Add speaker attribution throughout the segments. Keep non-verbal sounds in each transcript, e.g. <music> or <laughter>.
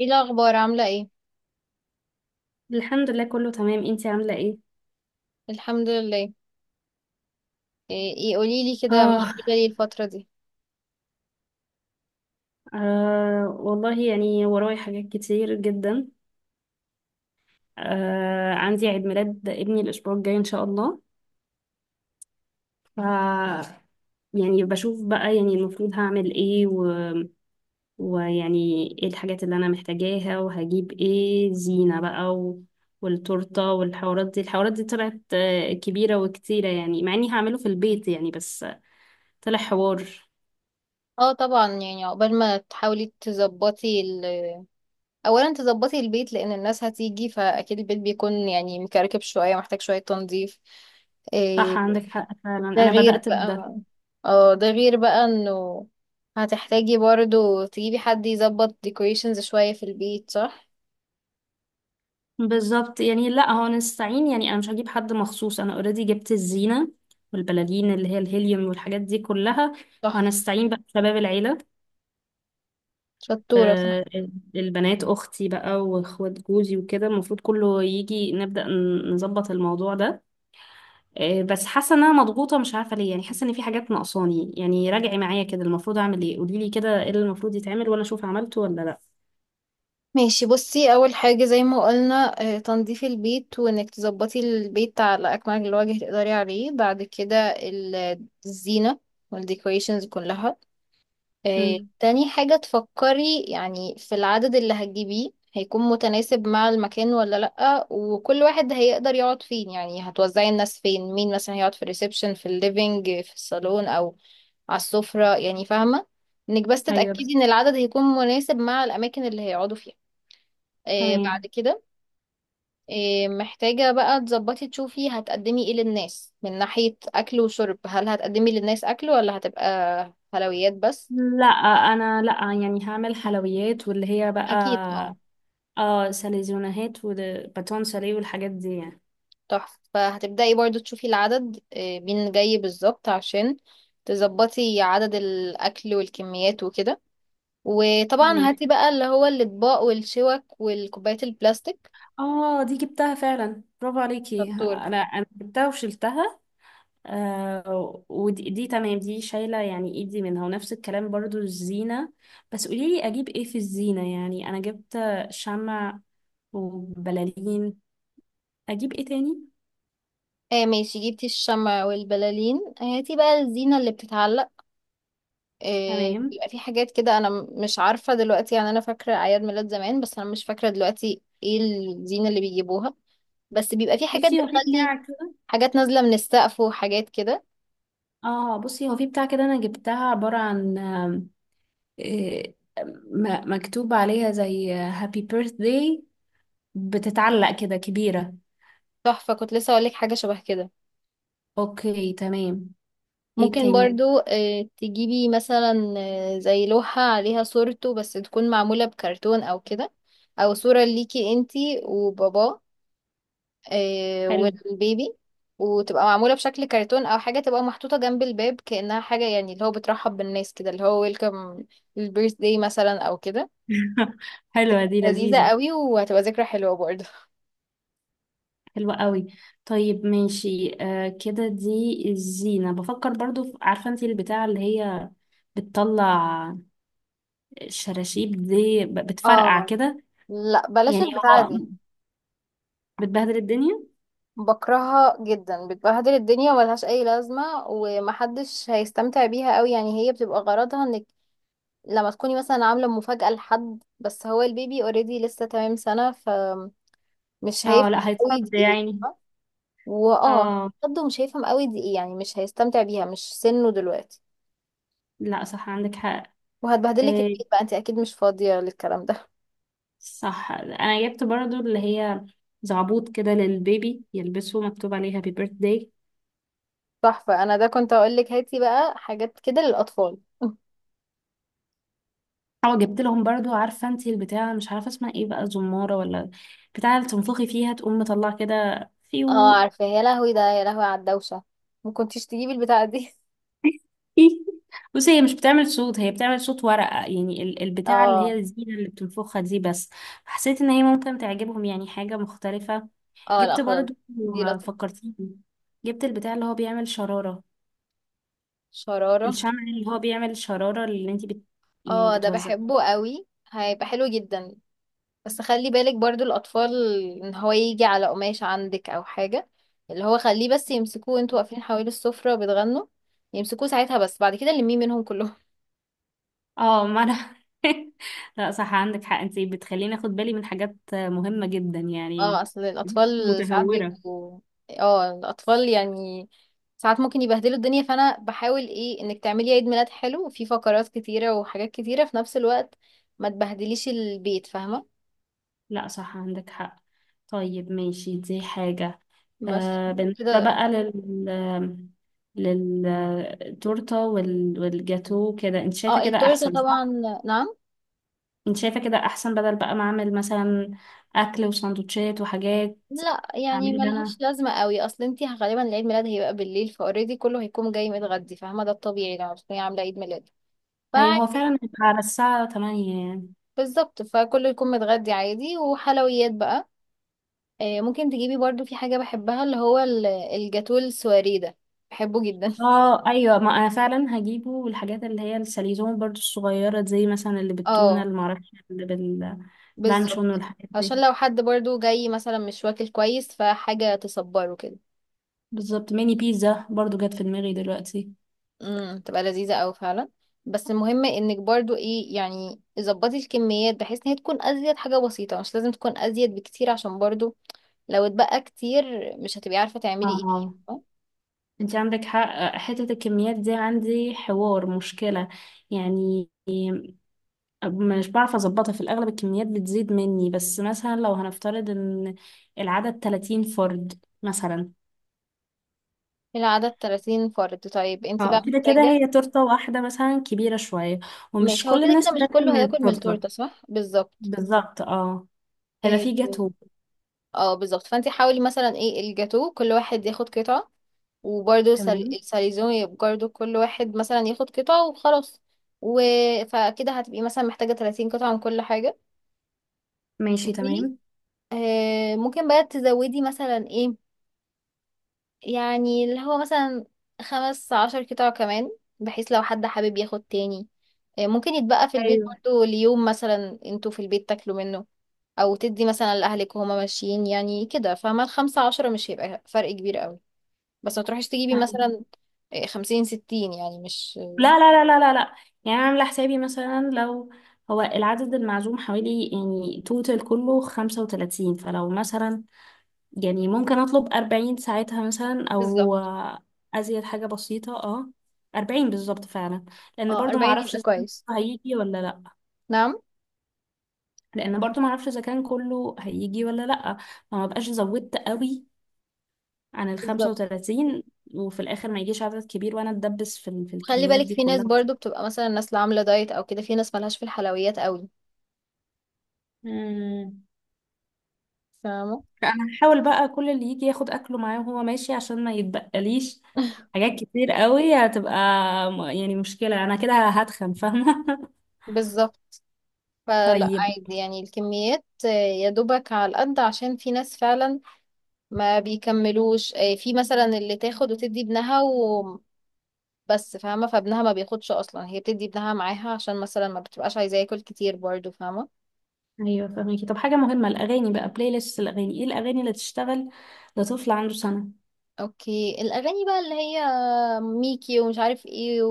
Speaker 1: ايه الاخبار؟ عامله ايه؟
Speaker 2: الحمد لله، كله تمام. انتي عاملة ايه؟
Speaker 1: الحمد لله. ايه، قولي لي كده، مشغوله
Speaker 2: آه,
Speaker 1: ايه الفتره دي؟
Speaker 2: آه والله، يعني وراي حاجات كتير جدا. عندي عيد ميلاد ابني الأسبوع الجاي إن شاء الله. ف يعني بشوف بقى، يعني المفروض هعمل ايه و... ويعني ايه الحاجات اللي أنا محتاجاها، وهجيب ايه زينة بقى و... والتورتة والحوارات دي. الحوارات دي طلعت كبيرة وكتيرة، يعني مع إني هعمله في البيت يعني، بس طلع حوار.
Speaker 1: اه طبعا، يعني عقبال ما تحاولي تظبطي اولا تظبطي البيت، لان الناس هتيجي فاكيد البيت بيكون يعني مكركب شويه، محتاج شويه تنظيف.
Speaker 2: صح،
Speaker 1: إيه
Speaker 2: عندك حق فعلا،
Speaker 1: ده
Speaker 2: أنا
Speaker 1: غير
Speaker 2: بدأت بده.
Speaker 1: بقى؟ اه، ده غير بقى انه هتحتاجي برضو تجيبي حد يظبط ديكوريشنز شويه في البيت، صح؟
Speaker 2: بالظبط، يعني لا هو نستعين، يعني انا مش هجيب حد مخصوص، انا اوريدي جبت الزينه والبلالين اللي هي الهيليوم والحاجات دي كلها،
Speaker 1: صح.
Speaker 2: وهنستعين بقى بشباب العيله.
Speaker 1: شطوره.
Speaker 2: آه، البنات اختي بقى واخوات جوزي وكده، المفروض كله يجي نبدا نظبط الموضوع ده. بس حاسه ان انا مضغوطه، مش عارفه ليه، يعني حاسه ان في حاجات ناقصاني. يعني راجعي معايا كده، المفروض اعمل ايه؟ قولي لي كده ايه اللي المفروض يتعمل وانا اشوف عملته ولا لا.
Speaker 1: ماشي، بصي اول حاجه زي ما قلنا، تنظيف البيت، وانك تظبطي البيت على اكمل الوجه تقدري عليه. بعد كده الزينه والديكوريشنز كلها.
Speaker 2: امم.
Speaker 1: تاني حاجه تفكري يعني في العدد اللي هتجيبيه، هيكون متناسب مع المكان ولا لأ، وكل واحد هيقدر يقعد فين، يعني هتوزعي الناس فين، مين مثلا هيقعد في الريسبشن، في الليفينج، في الصالون او على السفره، يعني فاهمه؟ انك بس
Speaker 2: ايوه بس.
Speaker 1: تتأكدي ان العدد هيكون مناسب مع الاماكن اللي هيقعدوا فيها. بعد
Speaker 2: تمام.
Speaker 1: كده محتاجة بقى تظبطي، تشوفي هتقدمي ايه للناس من ناحية أكل وشرب. هل هتقدمي للناس أكل ولا هتبقى حلويات بس؟
Speaker 2: لا، انا لا. يعني هعمل حلويات، واللي هي بقى
Speaker 1: أكيد اه.
Speaker 2: اه ساليزونهات وباتون ساليه والحاجات دي يعني.
Speaker 1: تحفة. فهتبدأي برضو تشوفي العدد، مين جاي بالظبط عشان تظبطي عدد الأكل والكميات وكده. وطبعا
Speaker 2: ماشي.
Speaker 1: هاتي بقى اللي هو الأطباق والشوك والكوبايات البلاستيك.
Speaker 2: اه دي جبتها فعلا، برافو عليكي،
Speaker 1: شطور.
Speaker 2: انا جبتها وشلتها. آه، ودي دي تمام، دي شايله يعني ايدي منها. ونفس الكلام برضو الزينه، بس قولي لي اجيب ايه في الزينه. يعني انا جبت شمع وبلالين، اجيب ايه تاني؟
Speaker 1: آه ماشي، جبتي الشمع والبلالين، هاتي بقى الزينة اللي بتتعلق.
Speaker 2: تمام.
Speaker 1: بيبقى في حاجات كده، انا مش عارفه دلوقتي، يعني انا فاكره اعياد ميلاد زمان بس انا مش فاكره دلوقتي ايه الزينه اللي بيجيبوها. بس بيبقى في حاجات
Speaker 2: بصي هو في
Speaker 1: بتخلي
Speaker 2: بتاع كده.
Speaker 1: حاجات نازله من السقف وحاجات كده.
Speaker 2: اه بصي، هو في بتاع كده انا جبتها، عبارة عن إيه، مكتوب عليها زي هابي بيرثداي، بتتعلق كده كبيرة.
Speaker 1: تحفه، كنت لسه اقول لك حاجه شبه كده.
Speaker 2: اوكي تمام. ايه
Speaker 1: ممكن
Speaker 2: تاني؟
Speaker 1: برضو تجيبي مثلا، زي لوحه عليها صورته بس تكون معموله بكرتون او كده، او صوره ليكي انتي وباباه
Speaker 2: حلو.
Speaker 1: والبيبي، وتبقى معمولة بشكل كرتون أو حاجة، تبقى محطوطة جنب الباب كأنها حاجة، يعني اللي هو بترحب بالناس كده، اللي هو ويلكم للبيرث داي مثلا أو كده.
Speaker 2: <laughs> حلوة دي،
Speaker 1: لذيذة
Speaker 2: لذيذة.
Speaker 1: قوي، وهتبقى ذكرى حلوة برضه.
Speaker 2: حلوة قوي. طيب ماشي، آه كده دي الزينة. بفكر برضو عارفة انتي البتاعة اللي هي بتطلع شراشيب دي، بتفرقع
Speaker 1: اه
Speaker 2: كده.
Speaker 1: لا، بلاش
Speaker 2: يعني
Speaker 1: البتاعة
Speaker 2: هو
Speaker 1: دي.
Speaker 2: بتبهدل الدنيا.
Speaker 1: بكرهها جدا، بتبهدل الدنيا وملهاش أي لازمة، ومحدش هيستمتع بيها قوي. يعني هي بتبقى غرضها انك لما تكوني مثلا عاملة مفاجأة لحد، بس هو البيبي اوريدي لسه تمام سنة، فمش
Speaker 2: اه
Speaker 1: هيفهم
Speaker 2: لا
Speaker 1: قوي دي
Speaker 2: هيتصد
Speaker 1: ايه.
Speaker 2: يعني.
Speaker 1: واه،
Speaker 2: اه.
Speaker 1: برضه مش هيفهم قوي دي ايه، يعني مش هيستمتع بيها، مش سنه دلوقتي.
Speaker 2: لا صح، عندك حق.
Speaker 1: وهتبهدلك
Speaker 2: آه،
Speaker 1: البيت بقى، انت اكيد مش فاضية للكلام ده.
Speaker 2: صح انا جبت برضو اللي هي زعبوط كده للبيبي يلبسه مكتوب عليها هابي بيرث داي.
Speaker 1: <laughs> صح، فانا ده كنت اقول لك هاتي بقى حاجات كده للاطفال. <laughs>
Speaker 2: اه جبت لهم برضو، عارفه انتي البتاع مش عارفه اسمها ايه بقى، زماره ولا بتاع، اللي تنفخي فيها تقوم مطلع كده
Speaker 1: اه
Speaker 2: فيو.
Speaker 1: عارفة، يا لهوي ده، يا لهوي على الدوشة، ما كنتيش تجيبي البتاعة دي.
Speaker 2: <laughs> بصي هي مش بتعمل صوت، هي بتعمل صوت ورقه يعني، ال-
Speaker 1: <laughs>
Speaker 2: البتاعه اللي هي
Speaker 1: اه.
Speaker 2: الزينه اللي بتنفخها دي بس. حسيت ان هي ممكن تعجبهم، يعني حاجه مختلفه.
Speaker 1: اه لا
Speaker 2: جبت
Speaker 1: خلاص،
Speaker 2: برضو،
Speaker 1: دي لطيفة.
Speaker 2: فكرتيني، جبت البتاع اللي هو بيعمل شراره،
Speaker 1: شرارة.
Speaker 2: الشمع اللي هو بيعمل الشرارة اللي انتي بت... يعني
Speaker 1: اه ده
Speaker 2: بتوزع.
Speaker 1: بحبه قوي، هيبقى حلو جدا. بس خلي بالك برضو الأطفال، إن هو يجي على قماشة عندك أو حاجة. اللي هو خليه بس يمسكوه وانتوا واقفين حوالي السفرة وبتغنوا، يمسكوه ساعتها بس، بعد كده لميه منهم كلهم.
Speaker 2: اه ما انا. <laughs> لا صح عندك حق، انتي بتخليني اخد بالي من حاجات مهمة جدا
Speaker 1: <laughs>
Speaker 2: يعني.
Speaker 1: اه أصل الأطفال ساعات
Speaker 2: متهورة.
Speaker 1: بيبقوا، اه الأطفال يعني ساعات ممكن يبهدلوا الدنيا. فأنا بحاول ايه، إنك تعملي عيد ميلاد حلو وفيه فقرات كتيرة وحاجات كتيرة في نفس الوقت، ما تبهدليش البيت، فاهمة؟
Speaker 2: لا صح عندك حق. طيب ماشي، دي حاجة.
Speaker 1: بس
Speaker 2: آه، بالنسبة
Speaker 1: كده.
Speaker 2: بقى للتورتة وال... والجاتو، كده انت
Speaker 1: اه
Speaker 2: شايفة كده
Speaker 1: التورتة
Speaker 2: احسن
Speaker 1: طبعا.
Speaker 2: صح؟
Speaker 1: نعم.
Speaker 2: انت شايفة كده احسن، بدل بقى ما اعمل مثلا اكل وسندوتشات وحاجات.
Speaker 1: لا يعني
Speaker 2: هعملها انا.
Speaker 1: ملهاش لازمة قوي، اصل انتي غالبا العيد ميلاد هيبقى بالليل، فاوريدي كله هيكون جاي متغدي، فاهمة؟ ده الطبيعي لما تكوني عاملة عيد ميلاد.
Speaker 2: ايوه، هو
Speaker 1: فعادي.
Speaker 2: فعلا هيبقى على الساعة 8 يعني.
Speaker 1: بالظبط، فكله يكون متغدي عادي، وحلويات بقى. ممكن تجيبي برضو في حاجة بحبها، اللي هو الجاتو السواري ده، بحبه جدا. <laughs>
Speaker 2: اه ايوه، ما انا فعلا هجيبه. والحاجات اللي هي السليزون برضو الصغيرة، زي مثلا اللي بالتونة
Speaker 1: اه
Speaker 2: اللي معرفش، اللي باللانشون
Speaker 1: بالظبط.
Speaker 2: والحاجات دي.
Speaker 1: عشان لو حد برضو جاي مثلا مش واكل كويس، فحاجة تصبره كده.
Speaker 2: بالظبط، ميني بيتزا برضو جت في دماغي دلوقتي.
Speaker 1: امم، تبقى لذيذة أوي فعلا. بس المهم انك برضو ايه، يعني ظبطي الكميات بحيث ان هي تكون ازيد حاجة بسيطة، مش لازم تكون ازيد بكتير، عشان برضو لو اتبقى كتير مش هتبقي عارفة تعملي ايه فيه،
Speaker 2: اه.
Speaker 1: فاهمة؟
Speaker 2: انت عندك حق، حتة الكميات دي عندي حوار مشكلة يعني. مش بعرف اظبطها، في الاغلب الكميات بتزيد مني. بس مثلا لو هنفترض ان العدد 30 فرد مثلا،
Speaker 1: العدد 30 فرد؟ طيب انتي
Speaker 2: اه
Speaker 1: بقى
Speaker 2: كده كده
Speaker 1: محتاجة.
Speaker 2: هي تورتة واحدة مثلا كبيرة شوية، ومش
Speaker 1: ماشي، هو
Speaker 2: كل
Speaker 1: كده
Speaker 2: الناس
Speaker 1: كده مش
Speaker 2: بتاكل
Speaker 1: كله
Speaker 2: من
Speaker 1: هياكل من
Speaker 2: التورتة.
Speaker 1: التورتة، صح، بالظبط.
Speaker 2: بالظبط، اه. هيبقى
Speaker 1: إيه،
Speaker 2: في جاتو.
Speaker 1: اه بالظبط، فانت حاولي مثلا ايه، الجاتو كل واحد ياخد قطعة، وبرده
Speaker 2: تمام.
Speaker 1: الساليزون يبقى برضه كل واحد مثلا ياخد قطعة وخلاص، و... فكده هتبقي مثلا محتاجة 30 قطعة من كل حاجة.
Speaker 2: ماشي
Speaker 1: و
Speaker 2: تمام.
Speaker 1: آه ممكن بقى تزودي مثلا ايه، يعني اللي هو مثلا 15 قطع كمان، بحيث لو حد حابب ياخد تاني، آه ممكن يتبقى في البيت
Speaker 2: ايوه.
Speaker 1: برضه ليوم مثلا انتوا في البيت تاكلوا منه، او تدي مثلا لاهلك وهما ماشيين يعني كده، فاهمة؟ الـ15 مش هيبقى فرق كبير قوي. بس ما تروحيش تجيبي
Speaker 2: فاهمة.
Speaker 1: مثلا إيه، 50 60 يعني، مش
Speaker 2: لا لا لا لا لا لا، يعني انا عاملة حسابي مثلا، لو هو العدد المعزوم حوالي، يعني توتال كله خمسة وتلاتين، فلو مثلا يعني ممكن اطلب اربعين ساعتها مثلا، او
Speaker 1: بالظبط.
Speaker 2: ازيد حاجة بسيطة اه، اربعين بالظبط فعلا. لان
Speaker 1: اه
Speaker 2: برضو
Speaker 1: 40
Speaker 2: معرفش
Speaker 1: يبقى
Speaker 2: الزيت
Speaker 1: كويس.
Speaker 2: هيجي ولا لا.
Speaker 1: نعم
Speaker 2: لان برضو ما اعرفش اذا كان كله هيجي ولا لا، فما بقاش زودت قوي عن ال
Speaker 1: بالظبط.
Speaker 2: 35، وفي الاخر ما يجيش عدد كبير وانا اتدبس في
Speaker 1: خلي
Speaker 2: الكميات
Speaker 1: بالك
Speaker 2: دي
Speaker 1: في ناس
Speaker 2: كلها.
Speaker 1: برضو بتبقى مثلا الناس اللي عاملة دايت أو كده، في ناس ملهاش في الحلويات قوي،
Speaker 2: مم.
Speaker 1: فاهمة؟
Speaker 2: فانا هحاول بقى كل اللي يجي ياخد اكله معاه وهو ماشي، عشان ما يتبقليش
Speaker 1: <laughs>
Speaker 2: حاجات كتير قوي. هتبقى يعني مشكلة، انا كده هتخن، فاهمة. <laughs>
Speaker 1: بالظبط. فلا
Speaker 2: طيب.
Speaker 1: عادي يعني، الكميات يا دوبك على القد، عشان في ناس فعلا ما بيكملوش، في مثلا اللي تاخد وتدي ابنها وبس، فاهمة؟ فابنها ما بياخدش أصلا، هي بتدي ابنها معاها عشان مثلا ما بتبقاش عايزاه ياكل كتير برضو، فاهمة؟
Speaker 2: ايوه فاهمكي. طب حاجة مهمة، الاغاني بقى، بلاي ليست الاغاني، ايه الاغاني اللي تشتغل لطفل عنده سنة؟
Speaker 1: اوكي. الاغاني بقى اللي هي ميكي ومش عارف ايه،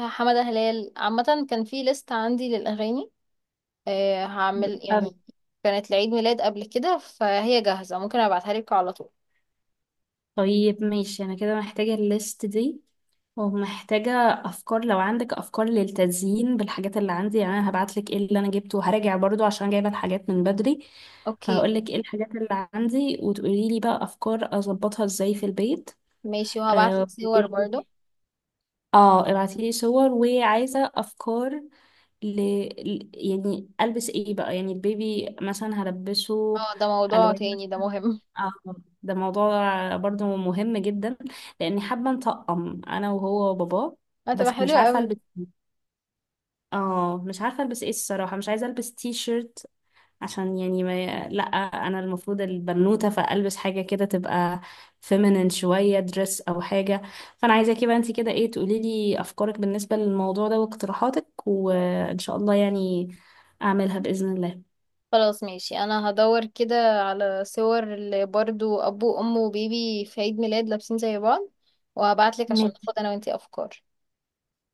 Speaker 1: وحمادة هلال. عامة كان في ليست عندي للاغاني، أه هعمل يعني، كانت لعيد ميلاد قبل كده فهي جاهزة، ممكن ابعتها لك على طول.
Speaker 2: طيب ماشي، انا كده محتاجة الليست دي، ومحتاجة افكار لو عندك افكار للتزيين بالحاجات اللي عندي. يعني انا هبعتلك ايه اللي انا جبته، وهراجع برضو عشان جايبة الحاجات من بدري.
Speaker 1: اوكي
Speaker 2: فهقولك ايه الحاجات اللي عندي وتقوليلي بقى افكار اظبطها ازاي في البيت.
Speaker 1: ماشي، وهبعت لك
Speaker 2: اه.
Speaker 1: صور برضو.
Speaker 2: <laughs> اه ابعتيلي صور. وعايزة افكار ل... يعني البس ايه بقى، يعني البيبي مثلا هلبسه
Speaker 1: اه ده موضوع
Speaker 2: الوان
Speaker 1: تاني، ده
Speaker 2: مثلا.
Speaker 1: مهم.
Speaker 2: اه ده موضوع برضو مهم جدا، لاني حابه نطقم انا وهو وباباه،
Speaker 1: <laughs> هتبقى
Speaker 2: بس مش
Speaker 1: حلوة
Speaker 2: عارفه
Speaker 1: قوي.
Speaker 2: البس. اه مش عارفه البس ايه الصراحه، مش عايزه البس تي شيرت، عشان يعني ما لا، انا المفروض البنوته، فالبس حاجه كده تبقى فيمينين شويه، دريس او حاجه. فانا عايزاكي بقى انت كده ايه، تقولي لي افكارك بالنسبه للموضوع ده واقتراحاتك، وان شاء الله يعني اعملها باذن الله.
Speaker 1: خلاص ماشي، انا هدور كده على صور اللي برضو ابو وام وبيبي في عيد ميلاد لابسين زي بعض، وهبعت لك عشان
Speaker 2: ماشي.
Speaker 1: ناخد انا وانتي افكار.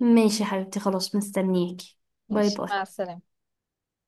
Speaker 2: ماشي يا حبيبتي، خلاص مستنياكي. باي
Speaker 1: ماشي،
Speaker 2: باي.
Speaker 1: مع السلامة.